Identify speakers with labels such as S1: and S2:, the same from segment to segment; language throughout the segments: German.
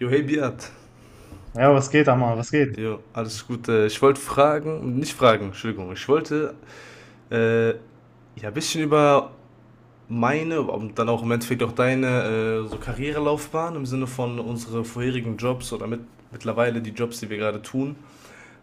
S1: Jo, hey Beat.
S2: Ja, was geht, Amar? Was geht?
S1: Jo, alles gut. Ich wollte fragen, nicht fragen, Entschuldigung. Ich wollte äh, ja ein bisschen über meine und dann auch im Endeffekt auch deine so Karrierelaufbahn im Sinne von unsere vorherigen Jobs oder mittlerweile die Jobs, die wir gerade tun,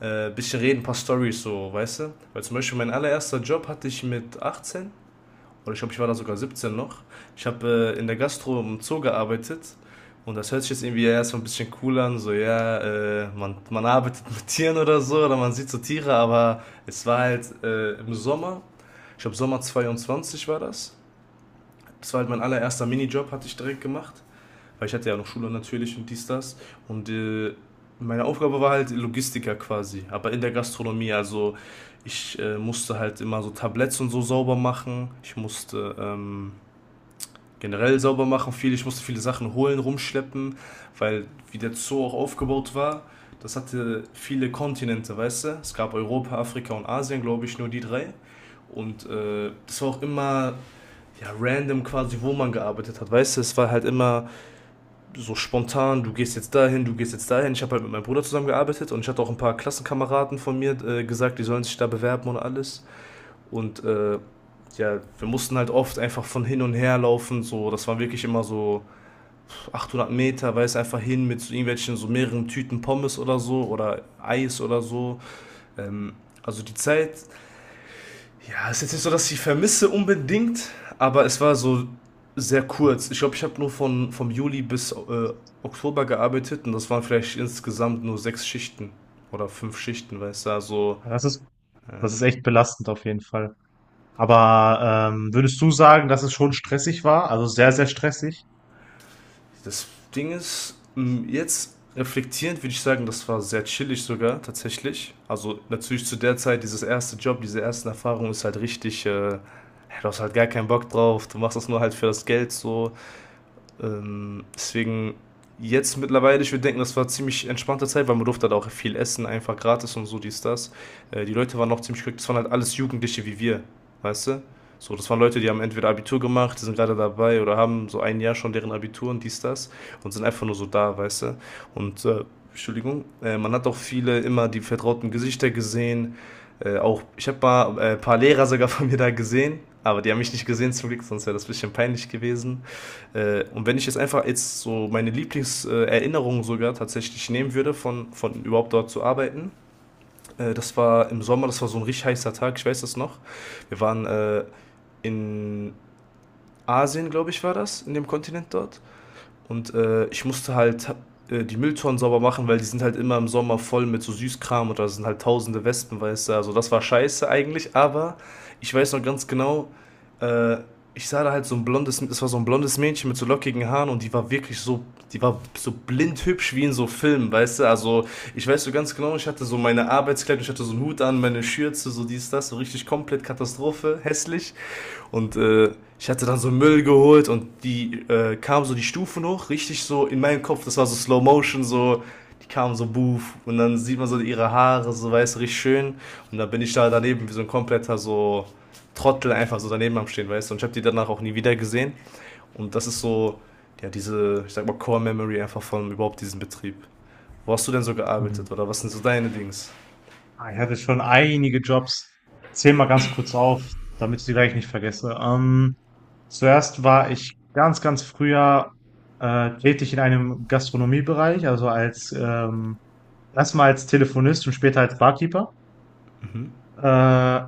S1: bisschen reden, ein paar Stories so, weißt du? Weil zum Beispiel mein allererster Job hatte ich mit 18. Oder ich glaube, ich war da sogar 17 noch. Ich habe in der Gastro im Zoo gearbeitet und das hört sich jetzt irgendwie erstmal ein bisschen cool an, so ja, man arbeitet mit Tieren oder so oder man sieht so Tiere, aber es war halt im Sommer, ich glaube Sommer 22 war das. Das war halt mein allererster Minijob, hatte ich direkt gemacht, weil ich hatte ja noch Schule natürlich und dies, das und meine Aufgabe war halt Logistiker quasi, aber in der Gastronomie, also ich musste halt immer so Tabletts und so sauber machen, ich musste. Generell sauber machen viel. Ich musste viele Sachen holen, rumschleppen, weil wie der Zoo auch aufgebaut war, das hatte viele Kontinente, weißt du? Es gab Europa, Afrika und Asien, glaube ich, nur die drei. Und das war auch immer ja, random quasi, wo man gearbeitet hat, weißt du? Es war halt immer so spontan, du gehst jetzt dahin, du gehst jetzt dahin. Ich habe halt mit meinem Bruder zusammengearbeitet und ich hatte auch ein paar Klassenkameraden von mir gesagt, die sollen sich da bewerben und alles. Und ja, wir mussten halt oft einfach von hin und her laufen. So, das war wirklich immer so 800 Meter, weiß einfach hin mit so irgendwelchen so mehreren Tüten Pommes oder so oder Eis oder so. Ähm, also die Zeit, ja, ist jetzt nicht so, dass ich vermisse unbedingt, aber es war so sehr kurz. Ich glaube, ich habe nur von vom Juli bis Oktober gearbeitet und das waren vielleicht insgesamt nur sechs Schichten oder fünf Schichten, weißt du, also
S2: Ja,
S1: äh,
S2: das ist echt belastend auf jeden Fall. Aber würdest du sagen, dass es schon stressig war? Also sehr, sehr stressig?
S1: das Ding ist, jetzt reflektierend würde ich sagen, das war sehr chillig sogar tatsächlich. Also natürlich zu der Zeit, dieses erste Job, diese ersten Erfahrungen ist halt richtig, du hast halt gar keinen Bock drauf, du machst das nur halt für das Geld so. Deswegen jetzt mittlerweile, ich würde denken, das war ziemlich entspannte Zeit, weil man durfte halt auch viel essen, einfach gratis und so, dies, das. Die Leute waren noch ziemlich glücklich, das waren halt alles Jugendliche wie wir, weißt du? So, das waren Leute, die haben entweder Abitur gemacht, die sind gerade dabei oder haben so ein Jahr schon deren Abitur und dies, das und sind einfach nur so da, weißt du? Und, Entschuldigung, man hat auch viele immer die vertrauten Gesichter gesehen. Auch, ich habe mal ein paar Lehrer sogar von mir da gesehen, aber die haben mich nicht gesehen zum Glück, sonst wäre das ein bisschen peinlich gewesen. Und wenn ich jetzt einfach jetzt so meine Lieblingserinnerungen sogar tatsächlich nehmen würde, von überhaupt dort zu arbeiten, das war im Sommer, das war so ein richtig heißer Tag, ich weiß das noch. Wir waren in Asien, glaube ich, war das, in dem Kontinent dort. Und ich musste halt die Mülltonnen sauber machen, weil die sind halt immer im Sommer voll mit so Süßkram und da sind halt tausende Wespen, weißt du. Also das war scheiße eigentlich, aber ich weiß noch ganz genau, äh, ich sah da halt so ein blondes, es war so ein blondes Mädchen mit so lockigen Haaren und die war wirklich so, die war so blind hübsch wie in so Filmen, weißt du? Also ich weiß so ganz genau, ich hatte so meine Arbeitskleidung, ich hatte so einen Hut an, meine Schürze, so dies, das, so richtig komplett Katastrophe, hässlich. Und ich hatte dann so Müll geholt und die kam so die Stufen hoch, richtig so in meinem Kopf, das war so Slow Motion, so, die kamen so buff und dann sieht man so ihre Haare, so weiß, richtig schön. Und dann bin ich da daneben wie so ein kompletter so Trottel einfach so daneben am Stehen, weißt du. Und ich habe die danach auch nie wieder gesehen. Und das ist so, ja, diese, ich sag mal, Core Memory einfach von überhaupt diesem Betrieb. Wo hast du denn so
S2: Hm.
S1: gearbeitet oder was sind so deine Dings?
S2: Ah, ich hatte schon einige Jobs. Zähl mal ganz kurz auf, damit ich sie gleich nicht vergesse. Zuerst war ich ganz, ganz früher tätig in einem Gastronomiebereich, also als erstmal als Telefonist und später als Barkeeper.
S1: Mhm.
S2: Äh,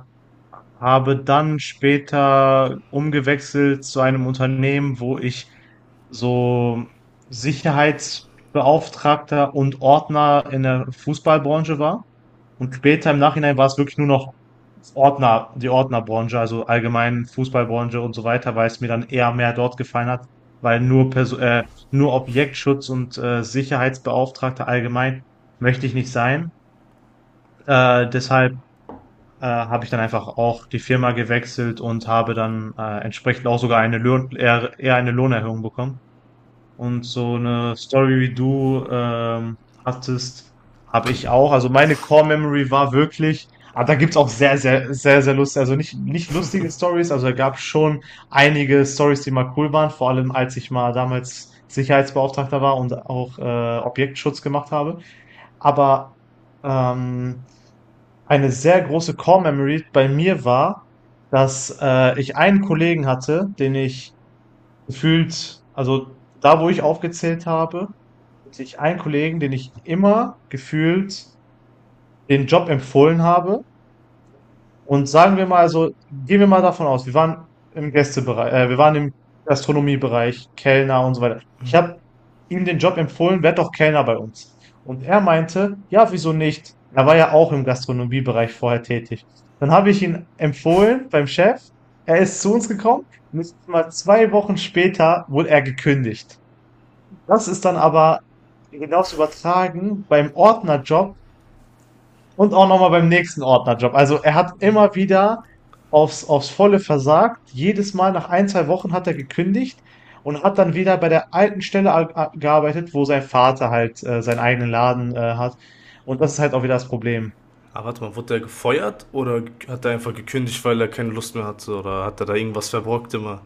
S2: Habe dann später umgewechselt zu einem Unternehmen, wo ich so Sicherheitsbeauftragter und Ordner in der Fußballbranche war. Und später im Nachhinein war es wirklich nur noch Ordner, die Ordnerbranche, also allgemein Fußballbranche und so weiter, weil es mir dann eher mehr dort gefallen hat, weil nur Objektschutz und Sicherheitsbeauftragter allgemein möchte ich nicht sein. Deshalb habe ich dann einfach auch die Firma gewechselt und habe dann entsprechend auch sogar eher eine Lohnerhöhung bekommen. Und so eine Story wie du hattest, habe ich auch. Also meine Core Memory war wirklich, aber da gibt's auch sehr, sehr, sehr, sehr lustige, also nicht lustige Stories, also da gab schon einige Stories, die mal cool waren, vor allem als ich mal damals Sicherheitsbeauftragter war und auch Objektschutz gemacht habe. Aber ähm, eine sehr große Core Memory bei mir war, dass ich einen Kollegen hatte, den ich gefühlt, also da, wo ich aufgezählt habe, hatte ich einen Kollegen, den ich immer gefühlt den Job empfohlen habe, und sagen wir mal, also gehen wir mal davon aus, wir waren im wir waren im Gastronomiebereich, Kellner und so weiter. Ich habe ihm den Job empfohlen, werd doch Kellner bei uns. Und er meinte, ja, wieso nicht? Er war ja auch im Gastronomiebereich vorher tätig. Dann habe ich ihn empfohlen beim Chef. Er ist zu uns gekommen. Nicht mal zwei Wochen später wurde er gekündigt. Das ist dann aber hinaus übertragen beim Ordnerjob und auch nochmal beim nächsten Ordnerjob. Also er hat immer wieder aufs Volle versagt. Jedes Mal nach ein, zwei Wochen hat er gekündigt und hat dann wieder bei der alten Stelle gearbeitet, wo sein Vater halt seinen eigenen Laden hat. Und das ist halt auch wieder das Problem.
S1: Aber warte mal, wurde er gefeuert oder hat er einfach gekündigt, weil er keine Lust mehr hatte? Oder hat er da irgendwas verbrockt immer?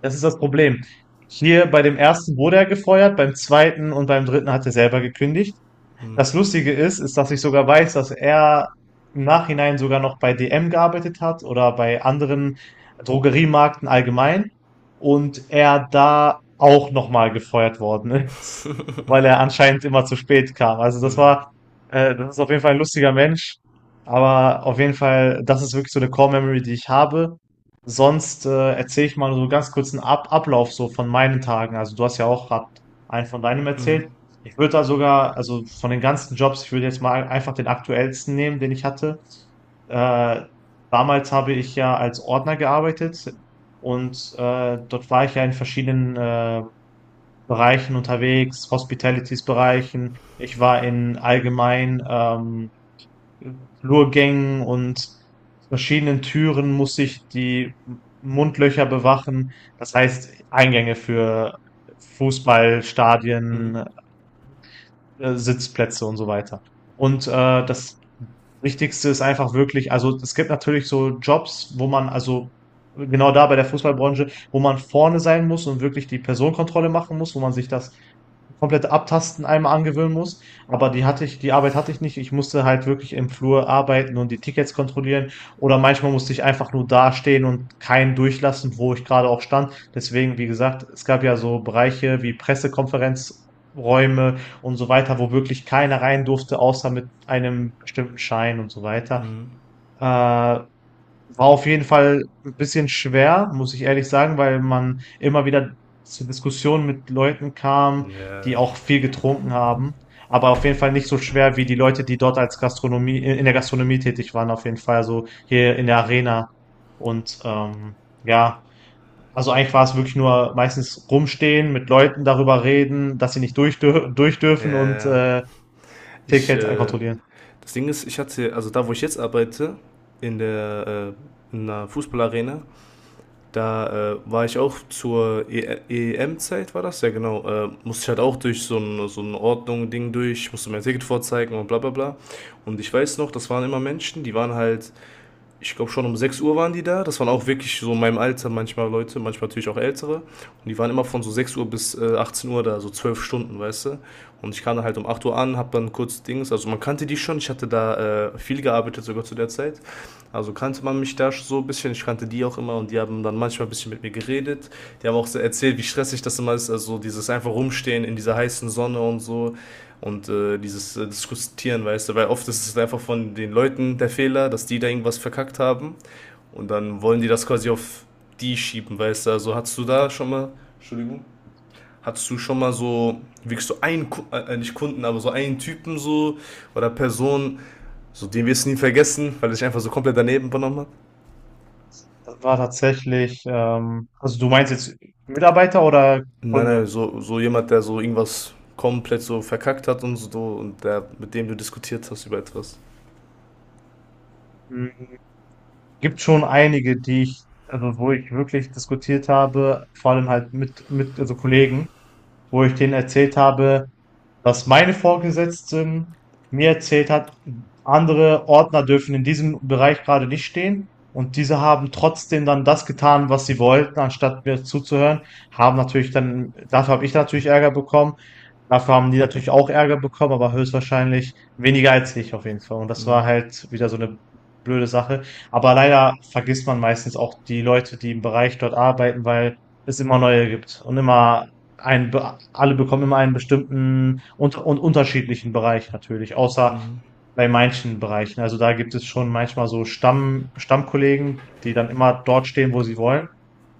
S2: Das ist das Problem. Hier bei dem ersten wurde er gefeuert, beim zweiten und beim dritten hat er selber gekündigt.
S1: Hm,
S2: Das Lustige ist, dass ich sogar weiß, dass er im Nachhinein sogar noch bei DM gearbeitet hat oder bei anderen Drogeriemarkten allgemein und er da auch nochmal gefeuert worden ist, weil er anscheinend immer zu spät kam.
S1: hm,
S2: Das ist auf jeden Fall ein lustiger Mensch, aber auf jeden Fall, das ist wirklich so eine Core Memory, die ich habe. Sonst erzähle ich mal so ganz kurz einen Ab Ablauf so von meinen Tagen. Also du hast ja auch gerade einen von deinem
S1: hm,
S2: erzählt. Ich würde da sogar, also von den ganzen Jobs, ich würde jetzt mal einfach den aktuellsten nehmen, den ich hatte. Äh, damals habe ich ja als Ordner gearbeitet und dort war ich ja in verschiedenen Bereichen unterwegs, Hospitalities-Bereichen. Ich war in allgemein Flurgängen und verschiedenen Türen musste ich die Mundlöcher bewachen. Das heißt Eingänge für
S1: hm,
S2: Fußballstadien, Sitzplätze und so weiter. Und das Wichtigste ist einfach wirklich, also es gibt natürlich so Jobs, wo man, also genau da bei der Fußballbranche, wo man vorne sein muss und wirklich die Personenkontrolle machen muss, wo man sich das komplette Abtasten einmal angewöhnen muss. Aber die hatte ich, die Arbeit hatte ich nicht. Ich musste halt wirklich im Flur arbeiten und die Tickets kontrollieren. Oder manchmal musste ich einfach nur dastehen und keinen durchlassen, wo ich gerade auch stand. Deswegen, wie gesagt, es gab ja so Bereiche wie Pressekonferenzräume und so weiter, wo wirklich keiner rein durfte, außer mit einem bestimmten Schein und so weiter.
S1: hm.
S2: War auf jeden Fall ein bisschen schwer, muss ich ehrlich sagen, weil man immer wieder zu Diskussionen mit Leuten kam, die
S1: Ja,
S2: auch viel getrunken haben. Aber auf jeden Fall nicht so schwer wie die Leute, die dort als Gastronomie, in der Gastronomie tätig waren, auf jeden Fall, so hier in der Arena. Und ja, also eigentlich war es wirklich nur meistens rumstehen, mit Leuten darüber reden, dass sie nicht durch, dür- durch dürfen,
S1: ja,
S2: und
S1: ja. Ich,
S2: Tickets
S1: äh,
S2: kontrollieren.
S1: Das Ding ist, ich hatte, also da, wo ich jetzt arbeite, in der, in einer Fußballarena, da war ich auch zur e EM-Zeit, war das? Ja, genau. Musste ich halt auch durch so ein Ordnung-Ding durch, musste mein Ticket vorzeigen und bla bla bla. Und ich weiß noch, das waren immer Menschen, die waren halt ich glaube schon um 6 Uhr waren die da. Das waren auch wirklich so in meinem Alter manchmal Leute, manchmal natürlich auch ältere. Und die waren immer von so 6 Uhr bis 18 Uhr da, so 12 Stunden, weißt du. Und ich kam dann halt um 8 Uhr an, hab dann kurz Dings, also man kannte die schon, ich hatte da viel gearbeitet sogar zu der Zeit. Also kannte man mich da so ein bisschen, ich kannte die auch immer und die haben dann manchmal ein bisschen mit mir geredet. Die haben auch so erzählt, wie stressig das immer ist, also dieses einfach rumstehen in dieser heißen Sonne und so und dieses Diskutieren, weißt du, weil oft ist es einfach von den Leuten der Fehler, dass die da irgendwas verkackt haben und dann wollen die das quasi auf die schieben, weißt du. Also hattest du da schon mal, Entschuldigung, hattest du schon mal so wirklich so einen, nicht Kunden, aber so einen Typen so oder Person, so den wirst du nie vergessen, weil er sich einfach so komplett daneben benommen hat?
S2: Das war tatsächlich, also du meinst jetzt Mitarbeiter oder
S1: Nein, nein,
S2: Kunde?
S1: so, so jemand, der so irgendwas komplett so verkackt hat und so und der, mit dem du diskutiert hast über etwas.
S2: Hm, gibt schon einige, die ich, also wo ich wirklich diskutiert habe, vor allem halt mit, also Kollegen, wo ich denen erzählt habe, dass meine Vorgesetzten mir erzählt hat, andere Ordner dürfen in diesem Bereich gerade nicht stehen. Und diese haben trotzdem dann das getan, was sie wollten, anstatt mir zuzuhören. Haben natürlich dann, dafür habe ich natürlich Ärger bekommen. Dafür haben die natürlich auch Ärger bekommen, aber höchstwahrscheinlich weniger als ich auf jeden Fall. Und das war halt wieder so eine blöde Sache. Aber leider vergisst man meistens auch die Leute, die im Bereich dort arbeiten, weil es immer neue gibt und immer alle bekommen immer einen bestimmten und unterschiedlichen Bereich natürlich, außer bei manchen Bereichen. Also da gibt es schon manchmal so Stammkollegen, die dann immer dort stehen, wo sie wollen,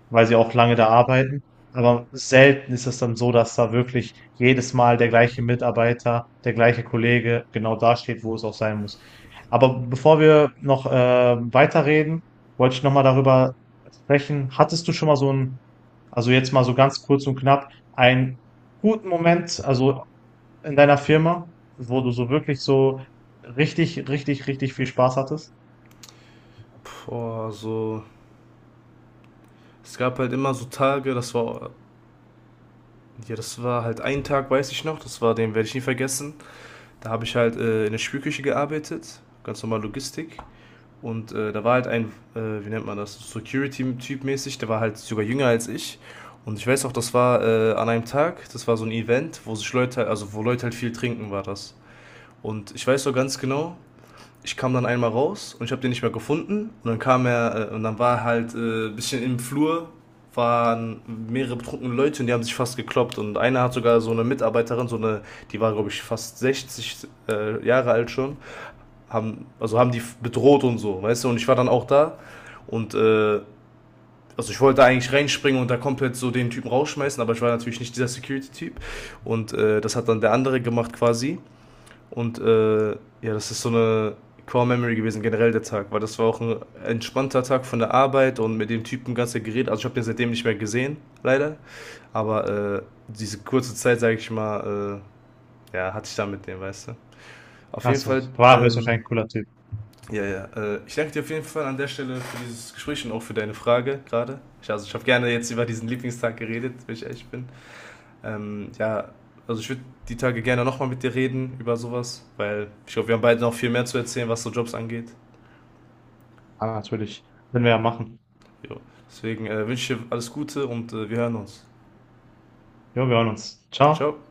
S2: weil sie auch lange da arbeiten. Aber selten ist es dann so, dass da wirklich jedes Mal der gleiche Mitarbeiter, der gleiche Kollege genau da steht, wo es auch sein muss. Aber bevor wir noch weiterreden, wollte ich nochmal darüber sprechen. Hattest du schon mal so ein, also jetzt mal so ganz kurz und knapp, einen guten Moment, also in deiner Firma, wo du so wirklich so richtig, richtig, richtig viel Spaß hattest?
S1: Boah, so. Es gab halt immer so Tage, das war. Ja, das war halt ein Tag, weiß ich noch, das war, den werde ich nie vergessen. Da habe ich halt in der Spülküche gearbeitet, ganz normal Logistik. Und da war halt ein, wie nennt man das, Security-Typ mäßig, der war halt sogar jünger als ich. Und ich weiß auch, das war an einem Tag, das war so ein Event, wo sich Leute, also wo Leute halt viel trinken, war das. Und ich weiß so ganz genau, ich kam dann einmal raus und ich habe den nicht mehr gefunden. Und dann kam er, und dann war er halt ein bisschen im Flur, waren mehrere betrunkene Leute und die haben sich fast gekloppt. Und einer hat sogar so eine Mitarbeiterin, so eine, die war, glaube ich, fast 60 Jahre alt schon, haben, also haben die bedroht und so, weißt du? Und ich war dann auch da und also ich wollte eigentlich reinspringen und da komplett so den Typen rausschmeißen, aber ich war natürlich nicht dieser Security-Typ. Und das hat dann der andere gemacht quasi. Und ja, das ist so eine Core Memory gewesen, generell der Tag, weil das war auch ein entspannter Tag von der Arbeit und mit dem Typen ganz geredet. Also ich habe den seitdem nicht mehr gesehen, leider. Aber diese kurze Zeit, sage ich mal, ja, hatte ich da mit dem, weißt du. Auf jeden
S2: Also,
S1: Fall,
S2: war höchstwahrscheinlich ein cooler Typ.
S1: ja, ja. Ich danke dir auf jeden Fall an der Stelle für dieses Gespräch und auch für deine Frage gerade. Ich, also ich habe gerne jetzt über diesen Lieblingstag geredet, wenn ich ehrlich bin. Ja, also ich würde die Tage gerne nochmal mit dir reden über sowas, weil ich glaube, wir haben beide noch viel mehr zu erzählen, was so Jobs angeht.
S2: Ah, natürlich. Können wir ja machen.
S1: Jo. Deswegen wünsche ich dir alles Gute und wir hören uns.
S2: Jo, wir hören uns.
S1: Ciao.
S2: Ciao.